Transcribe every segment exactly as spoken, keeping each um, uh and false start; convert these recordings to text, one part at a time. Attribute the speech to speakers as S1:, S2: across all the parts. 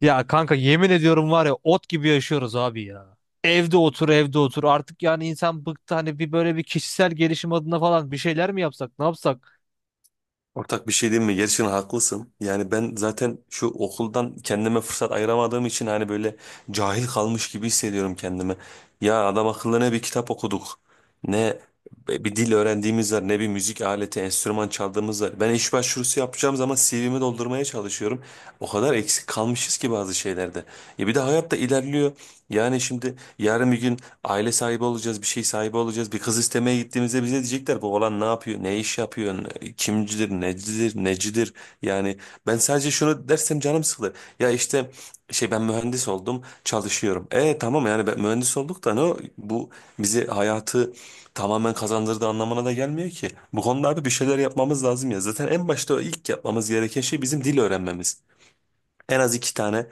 S1: Ya kanka yemin ediyorum var ya ot gibi yaşıyoruz abi ya. Evde otur evde otur artık yani insan bıktı hani bir böyle bir kişisel gelişim adına falan bir şeyler mi yapsak ne yapsak?
S2: Ortak bir şey diyeyim mi? Gerçekten haklısın. Yani ben zaten şu okuldan kendime fırsat ayıramadığım için hani böyle cahil kalmış gibi hissediyorum kendimi. Ya adam akıllı ne bir kitap okuduk, ne bir dil öğrendiğimiz var, ne bir müzik aleti, enstrüman çaldığımız var. Ben iş başvurusu yapacağım zaman C V'mi doldurmaya çalışıyorum. O kadar eksik kalmışız ki bazı şeylerde. Ya bir de hayat da ilerliyor. Yani şimdi yarın bir gün aile sahibi olacağız, bir şey sahibi olacağız. Bir kız istemeye gittiğimizde bize diyecekler bu oğlan ne yapıyor, ne iş yapıyor, ne- kimcidir, necidir, necidir. Yani ben sadece şunu dersem canım sıkılır. Ya işte şey ben mühendis oldum, çalışıyorum. E tamam yani ben mühendis olduk da ne o- bu bizi hayatı tamamen kazandırdığı anlamına da gelmiyor ki. Bu konularda bir şeyler yapmamız lazım ya. Zaten en başta o ilk yapmamız gereken şey bizim dil öğrenmemiz. En az iki tane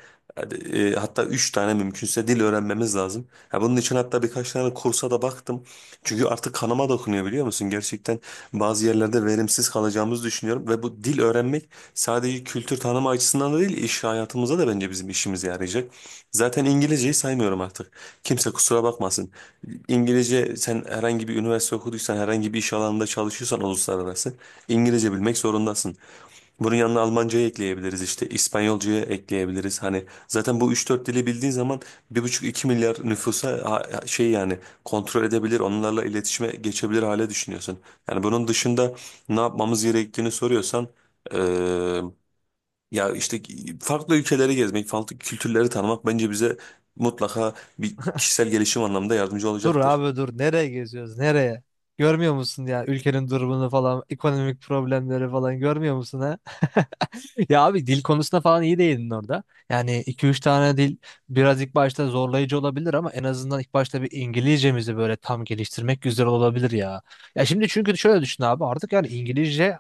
S2: e, hatta üç tane mümkünse dil öğrenmemiz lazım. Ya bunun için hatta birkaç tane kursa da baktım. Çünkü artık kanıma dokunuyor biliyor musun? Gerçekten bazı yerlerde verimsiz kalacağımızı düşünüyorum. Ve bu dil öğrenmek sadece kültür tanıma açısından da değil iş hayatımıza da bence bizim işimize yarayacak. Zaten İngilizceyi saymıyorum artık. Kimse kusura bakmasın. İngilizce sen herhangi bir üniversite okuduysan herhangi bir iş alanında çalışıyorsan uluslararası İngilizce bilmek zorundasın. Bunun yanına Almancayı ekleyebiliriz işte İspanyolcayı ekleyebiliriz. Hani zaten bu üç dört dili bildiğin zaman bir buçuk iki milyar nüfusa ha- ha- şey yani kontrol edebilir onlarla iletişime geçebilir hale düşünüyorsun. Yani bunun dışında ne yapmamız gerektiğini soruyorsan eee, ya işte farklı ülkeleri gezmek, farklı kültürleri tanımak bence bize mutlaka bir kişisel gelişim anlamında yardımcı
S1: Dur
S2: olacaktır.
S1: abi dur nereye geziyoruz nereye? Görmüyor musun ya ülkenin durumunu falan ekonomik problemleri falan görmüyor musun ha? Ya abi dil konusunda falan iyi değildin orada. Yani iki üç tane dil biraz ilk başta zorlayıcı olabilir ama en azından ilk başta bir İngilizcemizi böyle tam geliştirmek güzel olabilir ya. Ya şimdi çünkü şöyle düşün abi artık yani İngilizce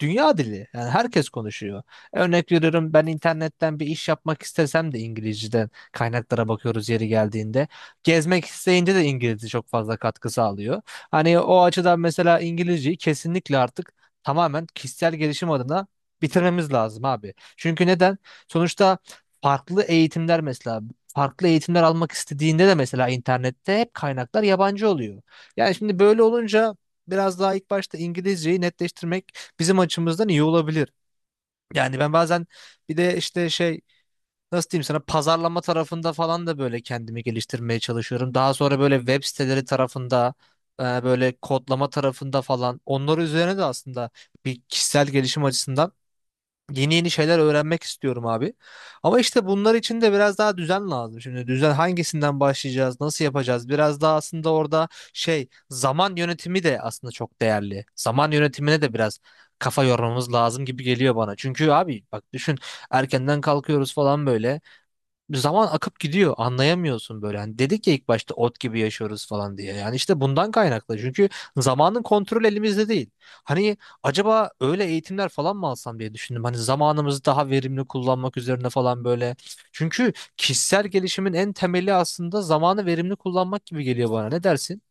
S1: dünya dili. Yani herkes konuşuyor. Örnek veriyorum ben internetten bir iş yapmak istesem de İngilizceden kaynaklara bakıyoruz yeri geldiğinde. Gezmek isteyince de İngilizce çok fazla katkı sağlıyor. Hani o açıdan mesela İngilizceyi kesinlikle artık tamamen kişisel gelişim adına bitirmemiz lazım abi. Çünkü neden? Sonuçta farklı eğitimler mesela farklı eğitimler almak istediğinde de mesela internette hep kaynaklar yabancı oluyor. Yani şimdi böyle olunca biraz daha ilk başta İngilizceyi netleştirmek bizim açımızdan iyi olabilir. Yani ben bazen bir de işte şey nasıl diyeyim sana pazarlama tarafında falan da böyle kendimi geliştirmeye çalışıyorum. Daha sonra böyle web siteleri tarafında e, böyle kodlama tarafında falan onlar üzerine de aslında bir kişisel gelişim açısından yeni yeni şeyler öğrenmek istiyorum abi. Ama işte bunlar için de biraz daha düzen lazım. Şimdi düzen hangisinden başlayacağız, nasıl yapacağız? Biraz daha aslında orada şey zaman yönetimi de aslında çok değerli. Zaman yönetimine de biraz kafa yormamız lazım gibi geliyor bana. Çünkü abi bak düşün erkenden kalkıyoruz falan böyle zaman akıp gidiyor. Anlayamıyorsun böyle. Hani dedik ya ilk başta ot gibi yaşıyoruz falan diye. Yani işte bundan kaynaklı. Çünkü zamanın kontrol elimizde değil. Hani acaba öyle eğitimler falan mı alsam diye düşündüm. Hani zamanımızı daha verimli kullanmak üzerine falan böyle. Çünkü kişisel gelişimin en temeli aslında zamanı verimli kullanmak gibi geliyor bana. Ne dersin?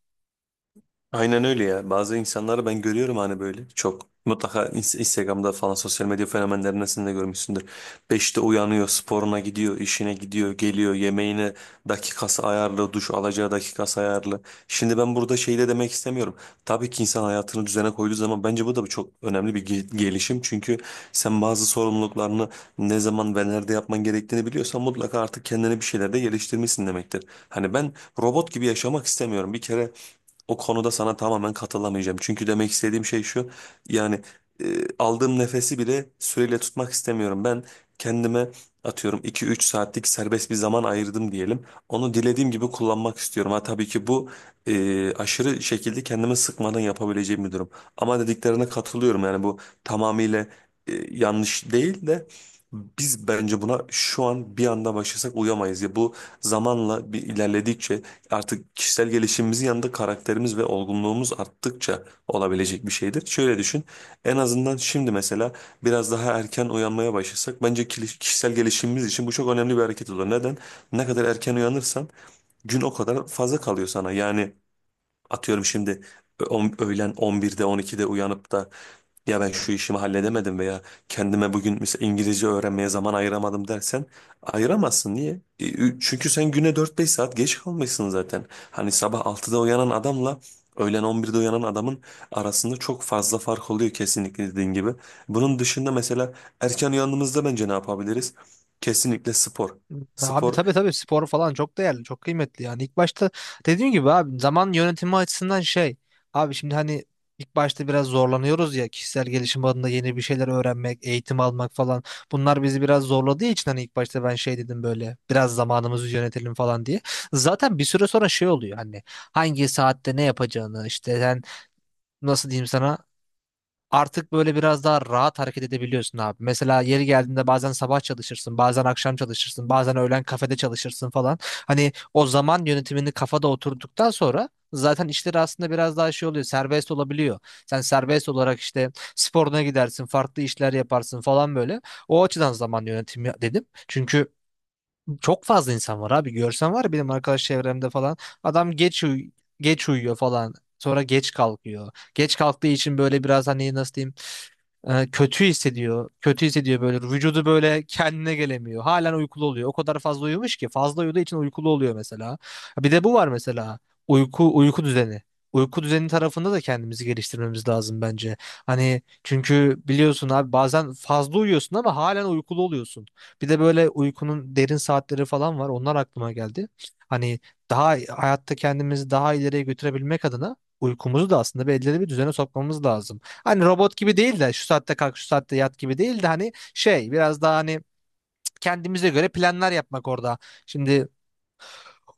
S2: Aynen öyle ya. Bazı insanları ben görüyorum hani böyle çok. Mutlaka ins- Instagram'da falan sosyal medya fenomenlerinden de görmüşsündür. Beşte uyanıyor, sporuna gidiyor, işine gidiyor, geliyor, yemeğine dakikası ayarlı, duş alacağı dakikası ayarlı. Şimdi ben burada şey de demek istemiyorum. Tabii ki insan hayatını düzene koyduğu zaman bence bu da çok önemli bir ge- gelişim. Çünkü sen bazı sorumluluklarını ne zaman ve nerede yapman gerektiğini biliyorsan mutlaka artık kendine bir şeyler de geliştirmişsin demektir. Hani ben robot gibi yaşamak istemiyorum. Bir kere o konuda sana tamamen katılamayacağım. Çünkü demek istediğim şey şu. Yani e, aldığım nefesi bile süreyle tutmak istemiyorum. Ben kendime atıyorum iki üç saatlik serbest bir zaman ayırdım diyelim. Onu dilediğim gibi kullanmak istiyorum. Ha tabii ki bu e, aşırı şekilde kendimi sıkmadan yapabileceğim bir durum. Ama dediklerine katılıyorum. Yani bu tamamıyla e, yanlış değil de biz bence buna şu an bir anda başlasak uyamayız ya bu zamanla bir ilerledikçe artık kişisel gelişimimizin yanında karakterimiz ve olgunluğumuz arttıkça olabilecek bir şeydir. Şöyle düşün. En azından şimdi mesela biraz daha erken uyanmaya başlasak bence kili- kişisel gelişimimiz için bu çok önemli bir hareket olur. Neden? Ne kadar erken uyanırsan gün o kadar fazla kalıyor sana. Yani Atıyorum şimdi ö- on- öğlen on birde on ikide uyanıp da ya ben şu işimi halledemedim veya kendime bugün mesela İngilizce öğrenmeye zaman ayıramadım dersen ayıramazsın. Niye? E, ü- Çünkü sen güne dört beş saat geç kalmışsın zaten. Hani sabah altıda uyanan adamla öğlen on birde uyanan adamın arasında çok fazla fark oluyor kesinlikle dediğin gibi. Bunun dışında mesela erken uyandığımızda bence ne yapabiliriz? Kesinlikle spor.
S1: Abi
S2: Spor
S1: tabii tabii spor falan çok değerli, çok kıymetli yani. İlk başta dediğim gibi abi zaman yönetimi açısından şey. Abi şimdi hani ilk başta biraz zorlanıyoruz ya kişisel gelişim adında yeni bir şeyler öğrenmek, eğitim almak falan. Bunlar bizi biraz zorladığı için hani ilk başta ben şey dedim böyle biraz zamanımızı yönetelim falan diye. Zaten bir süre sonra şey oluyor hani hangi saatte ne yapacağını işte sen nasıl diyeyim sana artık böyle biraz daha rahat hareket edebiliyorsun abi. Mesela yeri geldiğinde bazen sabah çalışırsın, bazen akşam çalışırsın, bazen öğlen kafede çalışırsın falan. Hani o zaman yönetimini kafada oturduktan sonra zaten işleri aslında biraz daha şey oluyor, serbest olabiliyor. Sen serbest olarak işte sporuna gidersin, farklı işler yaparsın falan böyle. O açıdan zaman yönetimi dedim. Çünkü çok fazla insan var abi. Görsen var ya benim arkadaş çevremde falan. Adam geç uy- geç uyuyor falan. Sonra geç kalkıyor. Geç kalktığı için böyle biraz hani nasıl diyeyim e, kötü hissediyor. Kötü hissediyor böyle. Vücudu böyle kendine gelemiyor. Halen uykulu oluyor. O kadar fazla uyumuş ki fazla uyuduğu için uykulu oluyor mesela. Bir de bu var mesela. Uyku uyku düzeni. Uyku düzeni tarafında da kendimizi geliştirmemiz lazım bence. Hani çünkü biliyorsun abi bazen fazla uyuyorsun ama halen uykulu oluyorsun. Bir de böyle uykunun derin saatleri falan var. Onlar aklıma geldi. Hani daha hayatta kendimizi daha ileriye götürebilmek adına uykumuzu da aslında belirli bir düzene sokmamız lazım. Hani robot gibi değil de şu saatte kalk şu saatte yat gibi değil de hani şey biraz daha hani kendimize göre planlar yapmak orada. Şimdi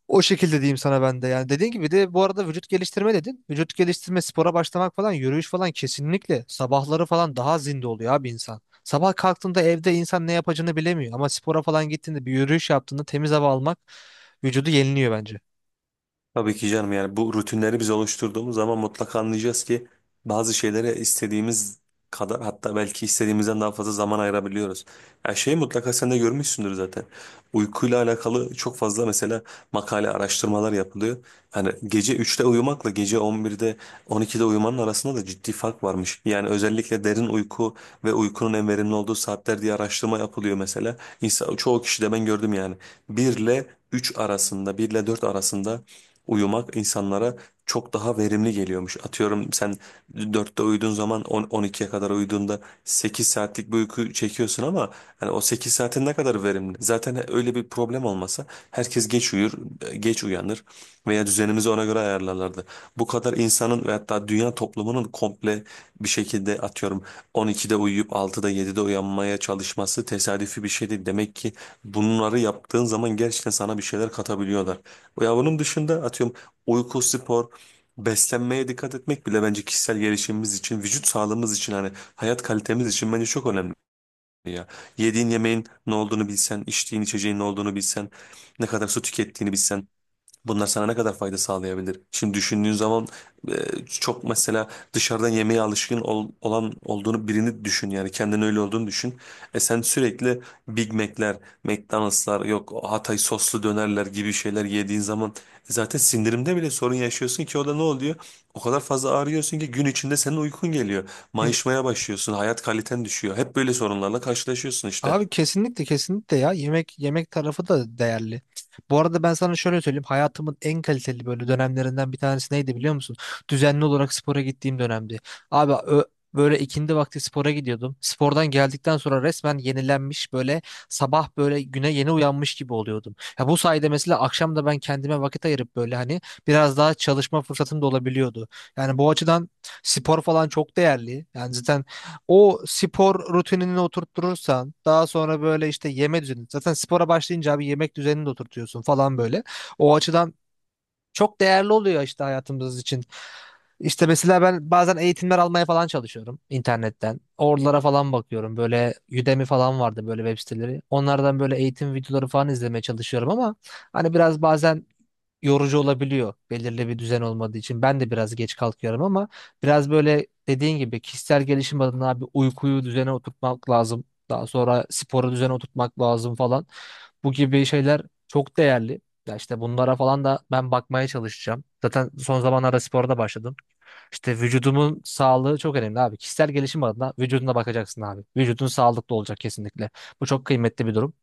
S1: o şekilde diyeyim sana ben de yani dediğin gibi de bu arada vücut geliştirme dedin. Vücut geliştirme spora başlamak falan yürüyüş falan kesinlikle sabahları falan daha zinde oluyor abi insan. Sabah kalktığında evde insan ne yapacağını bilemiyor ama spora falan gittiğinde bir yürüyüş yaptığında temiz hava almak vücudu yeniliyor bence.
S2: Tabii ki canım yani bu rutinleri biz oluşturduğumuz zaman mutlaka anlayacağız ki bazı şeylere istediğimiz kadar hatta belki istediğimizden daha fazla zaman ayırabiliyoruz. Ya şeyi mutlaka sen de görmüşsündür zaten. Uykuyla alakalı çok fazla mesela makale araştırmalar yapılıyor. Hani gece üçte uyumakla gece on birde on ikide uyumanın arasında da ciddi fark varmış. Yani özellikle derin uyku ve uykunun en verimli olduğu saatler diye araştırma yapılıyor mesela. İnsan, çoğu kişi de ben gördüm yani. bir ile üç arasında bir ile dört arasında uyumak insanlara çok daha verimli geliyormuş. Atıyorum sen dörtte uyuduğun zaman on 12'ye kadar uyuduğunda sekiz saatlik bir uyku çekiyorsun ama hani o sekiz saatin ne kadar verimli? Zaten öyle bir problem olmasa herkes geç uyur, geç uyanır veya düzenimizi ona göre ayarlarlardı. Bu kadar insanın ve hatta dünya toplumunun komple bir şekilde atıyorum on ikide uyuyup altıda yedide uyanmaya çalışması tesadüfi bir şey değil. Demek ki bunları yaptığın zaman gerçekten sana bir şeyler katabiliyorlar. Ya bunun dışında atıyorum uyku, spor, beslenmeye dikkat etmek bile bence kişisel gelişimimiz için, vücut sağlığımız için hani hayat kalitemiz için bence çok önemli ya. Yediğin yemeğin ne olduğunu bilsen, içtiğin içeceğin ne olduğunu bilsen, ne kadar su tükettiğini bilsen. Bunlar sana ne kadar fayda sağlayabilir? Şimdi düşündüğün zaman e, çok mesela dışarıdan yemeğe alışkın ol- olan olduğunu birini düşün yani kendin öyle olduğunu düşün. E sen sürekli Big Mac'ler, McDonald's'lar yok Hatay soslu dönerler gibi şeyler yediğin zaman e, zaten sindirimde bile sorun yaşıyorsun ki o da ne oluyor? O kadar fazla ağrıyorsun ki gün içinde senin uykun geliyor. Mayışmaya başlıyorsun, hayat kaliten düşüyor. Hep böyle sorunlarla karşılaşıyorsun işte.
S1: Abi kesinlikle kesinlikle ya yemek yemek tarafı da değerli. Bu arada ben sana şöyle söyleyeyim hayatımın en kaliteli böyle dönemlerinden bir tanesi neydi biliyor musun? Düzenli olarak spora gittiğim dönemdi. Abi ö- Böyle ikindi vakti spora gidiyordum. Spordan geldikten sonra resmen yenilenmiş böyle sabah böyle güne yeni uyanmış gibi oluyordum. Ya bu sayede mesela akşam da ben kendime vakit ayırıp böyle hani biraz daha çalışma fırsatım da olabiliyordu. Yani bu açıdan spor falan çok değerli. Yani zaten o spor rutinini oturtturursan daha sonra böyle işte yeme düzeni zaten spora başlayınca abi yemek düzenini de oturtuyorsun falan böyle. O açıdan çok değerli oluyor işte hayatımız için. İşte mesela ben bazen eğitimler almaya falan çalışıyorum internetten. Oralara falan bakıyorum. Böyle Udemy falan vardı böyle web siteleri. Onlardan böyle eğitim videoları falan izlemeye çalışıyorum ama hani biraz bazen yorucu olabiliyor belirli bir düzen olmadığı için. Ben de biraz geç kalkıyorum ama biraz böyle dediğin gibi kişisel gelişim adına bir uykuyu düzene oturtmak lazım. Daha sonra sporu düzene oturtmak lazım falan. Bu gibi şeyler çok değerli. Ya işte bunlara falan da ben bakmaya çalışacağım. Zaten son zamanlarda spora da başladım. İşte vücudumun sağlığı çok önemli abi. Kişisel gelişim adına vücuduna bakacaksın abi. Vücudun sağlıklı olacak kesinlikle. Bu çok kıymetli bir durum.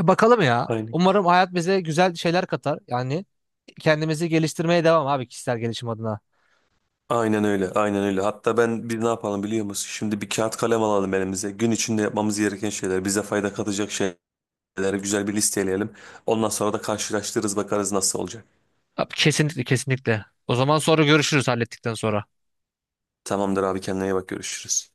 S1: E, Bakalım ya.
S2: Aynen.
S1: Umarım hayat bize güzel şeyler katar. Yani kendimizi geliştirmeye devam abi kişisel gelişim adına.
S2: Aynen öyle, aynen öyle. Hatta ben biz ne yapalım biliyor musun? Şimdi bir kağıt kalem alalım elimize. Gün içinde yapmamız gereken şeyler, bize fayda katacak şeyleri güzel bir listeleyelim. Ondan sonra da karşılaştırırız, bakarız nasıl olacak.
S1: Abi, kesinlikle kesinlikle. O zaman sonra görüşürüz hallettikten sonra.
S2: Tamamdır abi kendine iyi bak görüşürüz.